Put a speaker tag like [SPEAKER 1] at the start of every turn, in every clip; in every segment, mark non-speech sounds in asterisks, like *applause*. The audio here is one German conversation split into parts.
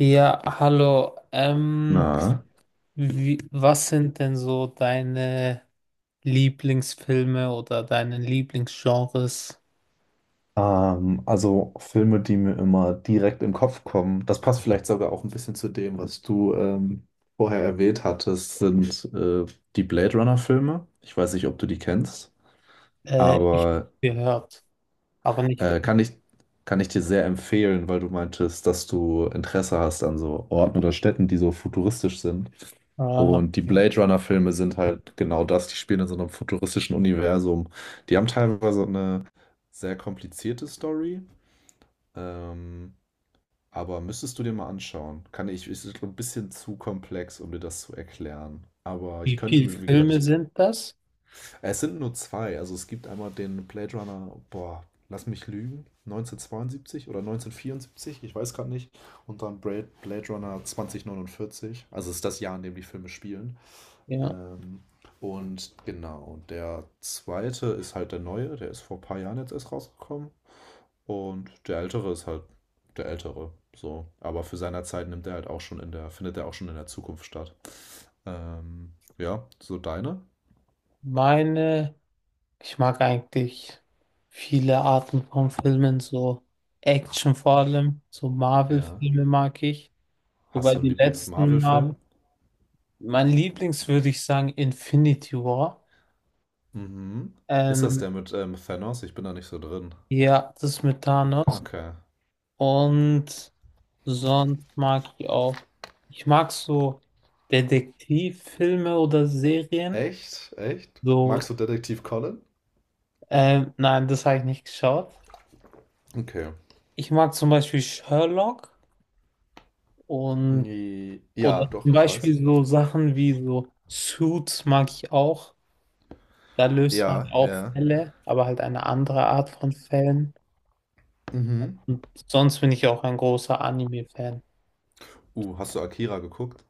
[SPEAKER 1] Ja, hallo.
[SPEAKER 2] Na,
[SPEAKER 1] Was sind denn so deine Lieblingsfilme oder deine Lieblingsgenres?
[SPEAKER 2] Also Filme, die mir immer direkt in den Kopf kommen. Das passt vielleicht sogar auch ein bisschen zu dem, was du vorher erwähnt hattest, sind die Blade Runner-Filme. Ich weiß nicht, ob du die kennst,
[SPEAKER 1] Ich habe
[SPEAKER 2] aber
[SPEAKER 1] gehört, aber nicht.
[SPEAKER 2] äh, kann ich, kann ich dir sehr empfehlen, weil du meintest, dass du Interesse hast an so Orten oder Städten, die so futuristisch sind.
[SPEAKER 1] Ah,
[SPEAKER 2] Und die
[SPEAKER 1] ja.
[SPEAKER 2] Blade Runner-Filme sind halt genau das, die spielen in so einem futuristischen Universum. Die haben teilweise eine sehr komplizierte Story. Ähm, aber müsstest du dir mal anschauen. Kann ich, ist ein bisschen zu komplex, um dir das zu erklären. Aber ich
[SPEAKER 1] Wie
[SPEAKER 2] könnte
[SPEAKER 1] viele
[SPEAKER 2] mir, wie gesagt,
[SPEAKER 1] Filme sind das?
[SPEAKER 2] es sind nur zwei. Also es gibt einmal den Blade Runner, boah, lass mich lügen, 1972 oder 1974, ich weiß gerade nicht. Und dann Blade Runner 2049. Also es ist das Jahr, in dem die Filme spielen.
[SPEAKER 1] Ja,
[SPEAKER 2] Ähm, und genau, der zweite ist halt der neue, der ist vor ein paar Jahren jetzt erst rausgekommen. Und der Ältere ist halt der Ältere, so. Aber für seiner Zeit nimmt er halt auch schon in der, findet er auch schon in der Zukunft statt. Ja, so deine?
[SPEAKER 1] meine, ich mag eigentlich viele Arten von Filmen, so Action vor allem, so
[SPEAKER 2] Ja.
[SPEAKER 1] Marvel-Filme mag ich.
[SPEAKER 2] Hast
[SPEAKER 1] Wobei
[SPEAKER 2] du einen
[SPEAKER 1] die letzten Marvel,
[SPEAKER 2] Lieblings-Marvel-Film?
[SPEAKER 1] mein Lieblings würde ich sagen Infinity War.
[SPEAKER 2] Mhm. Ist das
[SPEAKER 1] Ähm,
[SPEAKER 2] der mit Thanos? Ich bin da nicht so drin.
[SPEAKER 1] Ja, das ist mit Thanos.
[SPEAKER 2] Okay.
[SPEAKER 1] Und sonst mag ich auch. Ich mag so Detektivfilme oder Serien.
[SPEAKER 2] Echt? Echt?
[SPEAKER 1] So,
[SPEAKER 2] Magst du Detektiv Conan?
[SPEAKER 1] nein, das habe ich nicht geschaut.
[SPEAKER 2] Okay.
[SPEAKER 1] Ich mag zum Beispiel Sherlock und
[SPEAKER 2] Nee. Ja,
[SPEAKER 1] oder
[SPEAKER 2] doch,
[SPEAKER 1] zum
[SPEAKER 2] ich weiß.
[SPEAKER 1] Beispiel so Sachen wie so Suits mag ich auch. Da löst man
[SPEAKER 2] Ja,
[SPEAKER 1] auch
[SPEAKER 2] ja.
[SPEAKER 1] Fälle, aber halt eine andere Art von Fällen.
[SPEAKER 2] Mhm.
[SPEAKER 1] Und sonst bin ich auch ein großer Anime-Fan.
[SPEAKER 2] Hast du Akira geguckt?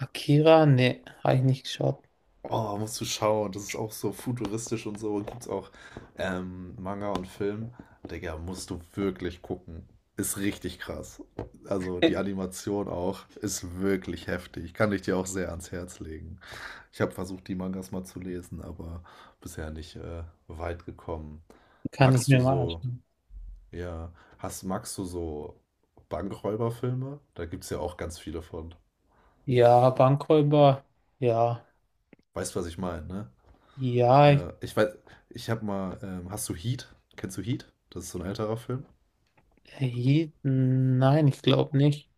[SPEAKER 1] Akira? Nee, habe ich nicht geschaut.
[SPEAKER 2] Oh, musst du schauen. Das ist auch so futuristisch und so. Gibt's auch Manga und Film. Digga, musst du wirklich gucken. Ist richtig krass. Also die Animation auch ist wirklich heftig. Kann ich dir auch sehr ans Herz legen. Ich habe versucht, die Mangas mal zu lesen, aber bisher nicht weit gekommen.
[SPEAKER 1] Kann ich
[SPEAKER 2] Magst du
[SPEAKER 1] mir mal
[SPEAKER 2] so,
[SPEAKER 1] anschauen.
[SPEAKER 2] ja, magst du so Bankräuberfilme? Da gibt's ja auch ganz viele von.
[SPEAKER 1] Ja, Bankräuber. Ja.
[SPEAKER 2] Weißt, was ich meine, ne?
[SPEAKER 1] Ja.
[SPEAKER 2] Ja, ich weiß, ich habe mal, hast du Heat? Kennst du Heat? Das ist so ein älterer Film.
[SPEAKER 1] Je, nein, ich glaube nicht.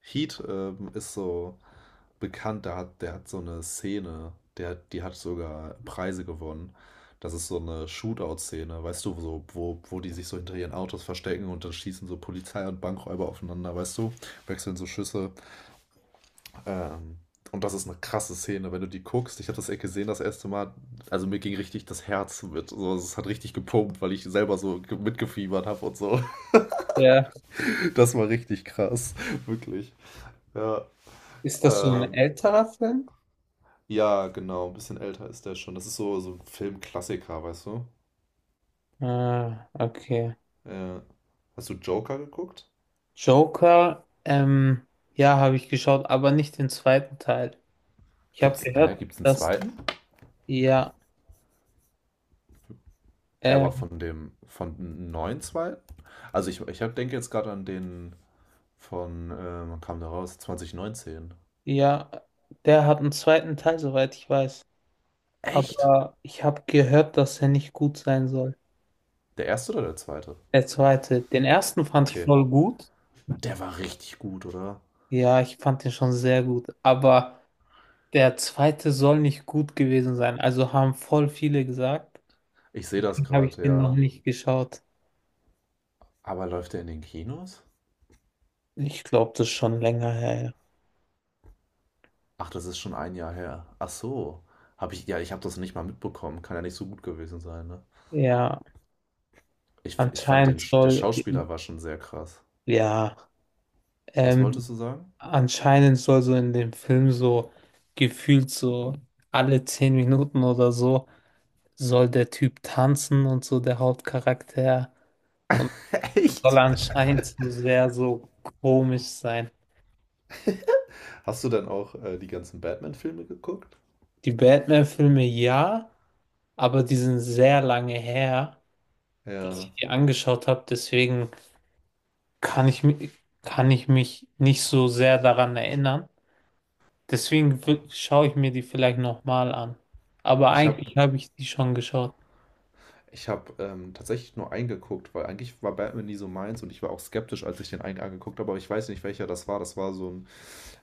[SPEAKER 2] Heat ist so bekannt, der hat so eine Szene, die hat sogar Preise gewonnen. Das ist so eine Shootout-Szene, weißt du, so, wo die sich so hinter ihren Autos verstecken und dann schießen so Polizei und Bankräuber aufeinander, weißt du, wechseln so Schüsse. Ähm, und das ist eine krasse Szene, wenn du die guckst. Ich habe das echt gesehen das erste Mal. Also mir ging richtig das Herz mit. So, es hat richtig gepumpt, weil ich selber so mitgefiebert habe und so. *laughs*
[SPEAKER 1] Ja.
[SPEAKER 2] Das war richtig krass, *laughs* wirklich. Ja,
[SPEAKER 1] Ist das so ein
[SPEAKER 2] ähm,
[SPEAKER 1] älterer Film?
[SPEAKER 2] ja, genau. Ein bisschen älter ist der schon. Das ist so, so ein Filmklassiker, weißt du?
[SPEAKER 1] Ah, okay.
[SPEAKER 2] Äh, Hast du Joker geguckt?
[SPEAKER 1] Joker, ja, habe ich geschaut, aber nicht den zweiten Teil. Ich habe
[SPEAKER 2] Gibt's,
[SPEAKER 1] gehört,
[SPEAKER 2] gibt's einen
[SPEAKER 1] dass,
[SPEAKER 2] zweiten?
[SPEAKER 1] ja,
[SPEAKER 2] Er war
[SPEAKER 1] ähm,
[SPEAKER 2] von dem, von einem neuen zweiten? Also denke jetzt gerade an den von, wann kam der raus? 2019.
[SPEAKER 1] ja, der hat einen zweiten Teil, soweit ich weiß.
[SPEAKER 2] Echt?
[SPEAKER 1] Aber ich habe gehört, dass er nicht gut sein soll.
[SPEAKER 2] Der erste oder der zweite?
[SPEAKER 1] Der zweite. Den ersten fand ich
[SPEAKER 2] Okay.
[SPEAKER 1] voll gut.
[SPEAKER 2] Der war richtig gut, oder?
[SPEAKER 1] Ja, ich fand den schon sehr gut. Aber der zweite soll nicht gut gewesen sein. Also haben voll viele gesagt.
[SPEAKER 2] Ich sehe das
[SPEAKER 1] Deswegen habe ich
[SPEAKER 2] gerade,
[SPEAKER 1] den noch
[SPEAKER 2] ja.
[SPEAKER 1] nicht geschaut.
[SPEAKER 2] Aber läuft der in den Kinos?
[SPEAKER 1] Ich glaube, das ist schon länger her.
[SPEAKER 2] Ach, das ist schon ein Jahr her. Ach so. Ja, ich habe das nicht mal mitbekommen. Kann ja nicht so gut gewesen sein, ne?
[SPEAKER 1] Ja, ja,
[SPEAKER 2] Ich fand den,
[SPEAKER 1] anscheinend
[SPEAKER 2] Der
[SPEAKER 1] soll,
[SPEAKER 2] Schauspieler war schon sehr krass.
[SPEAKER 1] ja,
[SPEAKER 2] Was
[SPEAKER 1] ähm,
[SPEAKER 2] wolltest du sagen?
[SPEAKER 1] anscheinend soll so in dem Film so gefühlt so alle 10 Minuten oder so soll der Typ tanzen und so der Hauptcharakter und soll
[SPEAKER 2] *laughs* Echt?
[SPEAKER 1] anscheinend so sehr so komisch sein.
[SPEAKER 2] Hast du dann auch die ganzen Batman-Filme geguckt?
[SPEAKER 1] Die Batman-Filme ja, aber die sind sehr lange her, dass
[SPEAKER 2] Ja.
[SPEAKER 1] ich die angeschaut habe. Deswegen kann ich, mi- kann ich mich nicht so sehr daran erinnern. Deswegen schaue ich mir die vielleicht nochmal an. Aber
[SPEAKER 2] Ich habe
[SPEAKER 1] eigentlich habe ich die schon geschaut.
[SPEAKER 2] Ich habe tatsächlich nur eingeguckt, weil eigentlich war Batman nie so meins und ich war auch skeptisch, als ich den einen angeguckt habe, aber ich weiß nicht, welcher das war. Das war so ein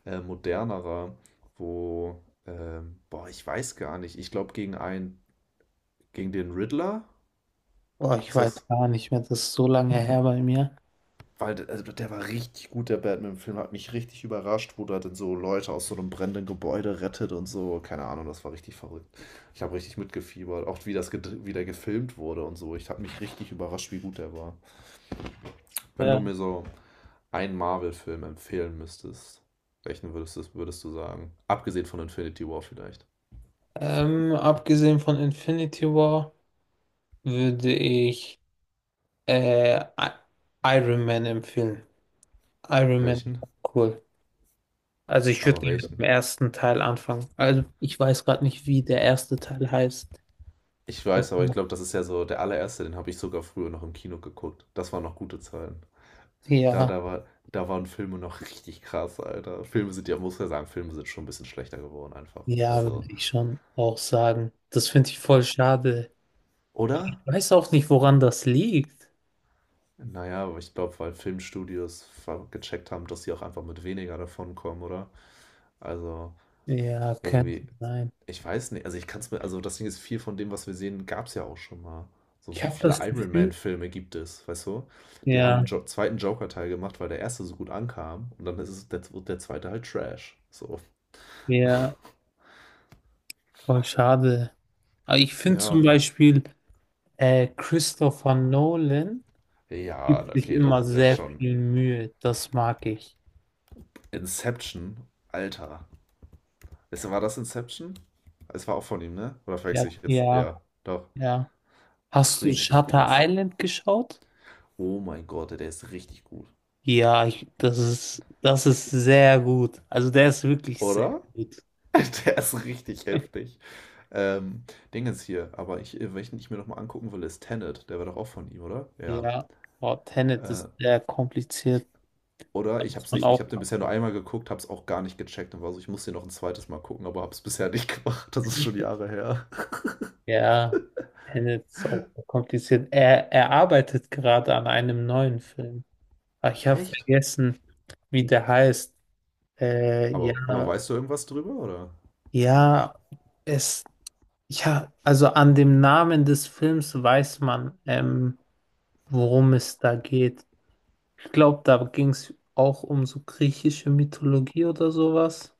[SPEAKER 2] modernerer, boah, ich weiß gar nicht. Ich glaube, gegen den Riddler
[SPEAKER 1] Oh, ich
[SPEAKER 2] ist
[SPEAKER 1] weiß
[SPEAKER 2] das,
[SPEAKER 1] gar nicht mehr, das ist so lange her bei mir.
[SPEAKER 2] weil also der war richtig gut, der Batman-Film, hat mich richtig überrascht, wo der dann so Leute aus so einem brennenden Gebäude rettet und so. Keine Ahnung, das war richtig verrückt. Ich habe richtig mitgefiebert, auch wie das wie der gefilmt wurde und so. Ich habe mich richtig überrascht, wie gut der war. Wenn
[SPEAKER 1] Ja.
[SPEAKER 2] du mir so einen Marvel-Film empfehlen müsstest, welchen würdest du sagen? Abgesehen von Infinity War vielleicht.
[SPEAKER 1] Abgesehen von Infinity War würde ich äh, I- Iron Man empfehlen. Iron Man,
[SPEAKER 2] Welchen?
[SPEAKER 1] cool. Also ich würde
[SPEAKER 2] Aber
[SPEAKER 1] gerne mit dem
[SPEAKER 2] welchen?
[SPEAKER 1] ersten Teil anfangen. Also ich weiß gerade nicht, wie der erste Teil heißt.
[SPEAKER 2] Ich weiß, aber ich glaube, das ist ja so der allererste, den habe ich sogar früher noch im Kino geguckt. Das waren noch gute Zeiten.
[SPEAKER 1] Ja,
[SPEAKER 2] Da waren Filme noch richtig krass, Alter. Filme sind ja, muss ja sagen, Filme sind schon ein bisschen schlechter geworden einfach.
[SPEAKER 1] ja,
[SPEAKER 2] Also,
[SPEAKER 1] würde ich schon auch sagen. Das finde ich voll schade. Ich
[SPEAKER 2] oder?
[SPEAKER 1] weiß auch nicht, woran das liegt.
[SPEAKER 2] Naja, aber ich glaube, weil Filmstudios gecheckt haben, dass sie auch einfach mit weniger davon kommen, oder? Also,
[SPEAKER 1] Ja, könnte
[SPEAKER 2] irgendwie,
[SPEAKER 1] sein.
[SPEAKER 2] ich weiß nicht, also ich kann es mir, also das Ding ist, viel von dem, was wir sehen, gab es ja auch schon mal. So
[SPEAKER 1] Ich
[SPEAKER 2] wie
[SPEAKER 1] habe
[SPEAKER 2] viele
[SPEAKER 1] das
[SPEAKER 2] Iron
[SPEAKER 1] Gefühl,
[SPEAKER 2] Man-Filme gibt es, weißt du? Die haben
[SPEAKER 1] ja,
[SPEAKER 2] einen jo zweiten Joker-Teil gemacht, weil der erste so gut ankam und dann der zweite halt Trash. So,
[SPEAKER 1] ja, voll schade. Aber ich finde zum
[SPEAKER 2] ja.
[SPEAKER 1] Beispiel, Christopher Nolan
[SPEAKER 2] Ja,
[SPEAKER 1] gibt sich
[SPEAKER 2] okay,
[SPEAKER 1] immer
[SPEAKER 2] das ist
[SPEAKER 1] sehr
[SPEAKER 2] schon.
[SPEAKER 1] viel Mühe. Das mag ich.
[SPEAKER 2] Inception, Alter. Weißt du, war das Inception? Es war auch von ihm, ne? Oder
[SPEAKER 1] Ja,
[SPEAKER 2] verwechsel ich jetzt? Ja, doch.
[SPEAKER 1] ja. Hast du
[SPEAKER 2] Richtig
[SPEAKER 1] Shutter
[SPEAKER 2] krass.
[SPEAKER 1] Island geschaut?
[SPEAKER 2] Oh mein Gott, der ist richtig gut.
[SPEAKER 1] Das ist sehr gut. Also der ist wirklich sehr
[SPEAKER 2] Oder?
[SPEAKER 1] gut.
[SPEAKER 2] *laughs* Der ist richtig heftig. Ähm, Dingens hier, welchen ich mir nochmal angucken will, ist Tenet. Der war doch auch von ihm, oder? Ja.
[SPEAKER 1] Ja, oh, Tenet
[SPEAKER 2] Äh,
[SPEAKER 1] ist sehr kompliziert.
[SPEAKER 2] oder?
[SPEAKER 1] Da
[SPEAKER 2] Ich
[SPEAKER 1] muss
[SPEAKER 2] hab's
[SPEAKER 1] man
[SPEAKER 2] nicht. Ich
[SPEAKER 1] auch,
[SPEAKER 2] hab den bisher nur einmal geguckt, hab's auch gar nicht gecheckt und war so, ich muss den noch ein zweites Mal gucken, aber hab's bisher nicht *laughs* gemacht. Das ist schon Jahre her.
[SPEAKER 1] ja, Tenet ist auch kompliziert. Er arbeitet gerade an einem neuen Film. Ah, ich habe
[SPEAKER 2] Echt?
[SPEAKER 1] vergessen, wie der heißt.
[SPEAKER 2] Aber
[SPEAKER 1] Ja,
[SPEAKER 2] weißt du irgendwas drüber, oder?
[SPEAKER 1] ja, es, ja, also an dem Namen des Films weiß man, worum es da geht. Ich glaube, da ging es auch um so griechische Mythologie oder sowas.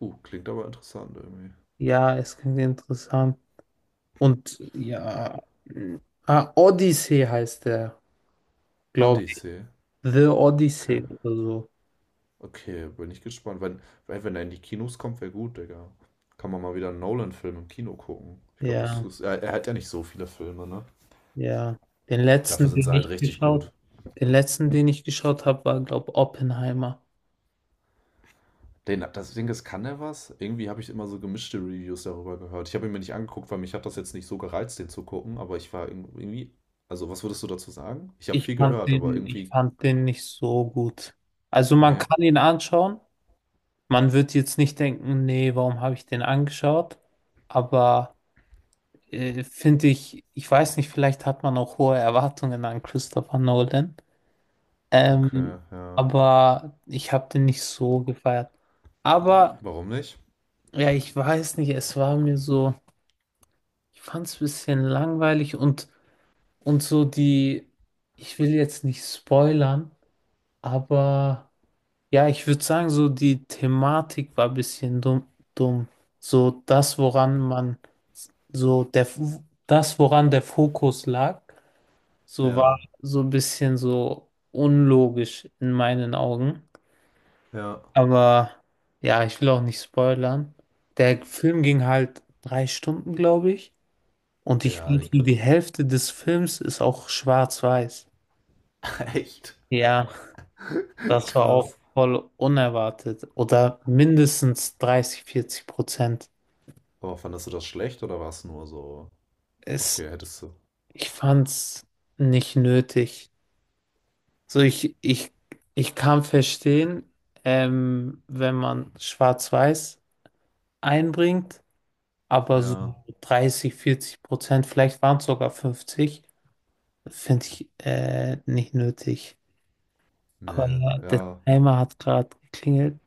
[SPEAKER 2] Klingt aber interessant irgendwie.
[SPEAKER 1] Ja, es klingt interessant. Und ja, ah, Odyssey heißt der, glaube ich.
[SPEAKER 2] Odyssey.
[SPEAKER 1] The
[SPEAKER 2] Okay.
[SPEAKER 1] Odyssey oder so.
[SPEAKER 2] Okay, bin ich gespannt. Wenn er in die Kinos kommt, wäre gut, Digga. Kann man mal wieder einen Nolan-Film im Kino gucken. Ich glaube, das
[SPEAKER 1] Ja,
[SPEAKER 2] ist. Er hat ja nicht so viele Filme, ne?
[SPEAKER 1] ja. Den
[SPEAKER 2] Dafür
[SPEAKER 1] letzten,
[SPEAKER 2] sind
[SPEAKER 1] den
[SPEAKER 2] sie halt
[SPEAKER 1] ich
[SPEAKER 2] richtig gut.
[SPEAKER 1] geschaut, den letzten, den ich geschaut habe, war, glaube ich, Oppenheimer.
[SPEAKER 2] Den, das Ding ist, kann er was? Irgendwie habe ich immer so gemischte Reviews darüber gehört. Ich habe ihn mir nicht angeguckt, weil mich hat das jetzt nicht so gereizt, den zu gucken, aber ich war irgendwie. Also, was würdest du dazu sagen? Ich habe viel gehört, aber
[SPEAKER 1] Ich
[SPEAKER 2] irgendwie.
[SPEAKER 1] fand den nicht so gut. Also man
[SPEAKER 2] Nee.
[SPEAKER 1] kann ihn anschauen. Man wird jetzt nicht denken, nee, warum habe ich den angeschaut? Aber finde ich, ich weiß nicht, vielleicht hat man auch hohe Erwartungen an Christopher Nolan.
[SPEAKER 2] Okay,
[SPEAKER 1] Ähm,
[SPEAKER 2] ja.
[SPEAKER 1] aber ich habe den nicht so gefeiert. Aber
[SPEAKER 2] Warum nicht?
[SPEAKER 1] ja, ich weiß nicht, es war mir so, ich fand es ein bisschen langweilig und so ich will jetzt nicht spoilern, aber ja, ich würde sagen, so die Thematik war ein bisschen dumm, dumm. So so der, das, woran der Fokus lag. So war
[SPEAKER 2] Ja.
[SPEAKER 1] so ein bisschen so unlogisch in meinen Augen.
[SPEAKER 2] Ja.
[SPEAKER 1] Aber ja, ich will auch nicht spoilern. Der Film ging halt 3 Stunden, glaube ich. Und ich
[SPEAKER 2] Ja,
[SPEAKER 1] glaube,
[SPEAKER 2] ich,
[SPEAKER 1] so die Hälfte des Films ist auch schwarz-weiß.
[SPEAKER 2] *laughs* echt.
[SPEAKER 1] Ja, das war auch
[SPEAKER 2] Krass.
[SPEAKER 1] voll unerwartet. Oder mindestens 30, 40%.
[SPEAKER 2] Aber fandest du das schlecht oder war es nur so?
[SPEAKER 1] Es,
[SPEAKER 2] Okay, hättest du.
[SPEAKER 1] ich fand's nicht nötig. So, ich, ich, ich kann verstehen, wenn man schwarz-weiß einbringt, aber so
[SPEAKER 2] Ja.
[SPEAKER 1] 30, 40%, vielleicht waren es sogar 50, finde ich nicht nötig. Aber
[SPEAKER 2] Nee.
[SPEAKER 1] ja, der
[SPEAKER 2] Ja.
[SPEAKER 1] Timer hat gerade geklingelt.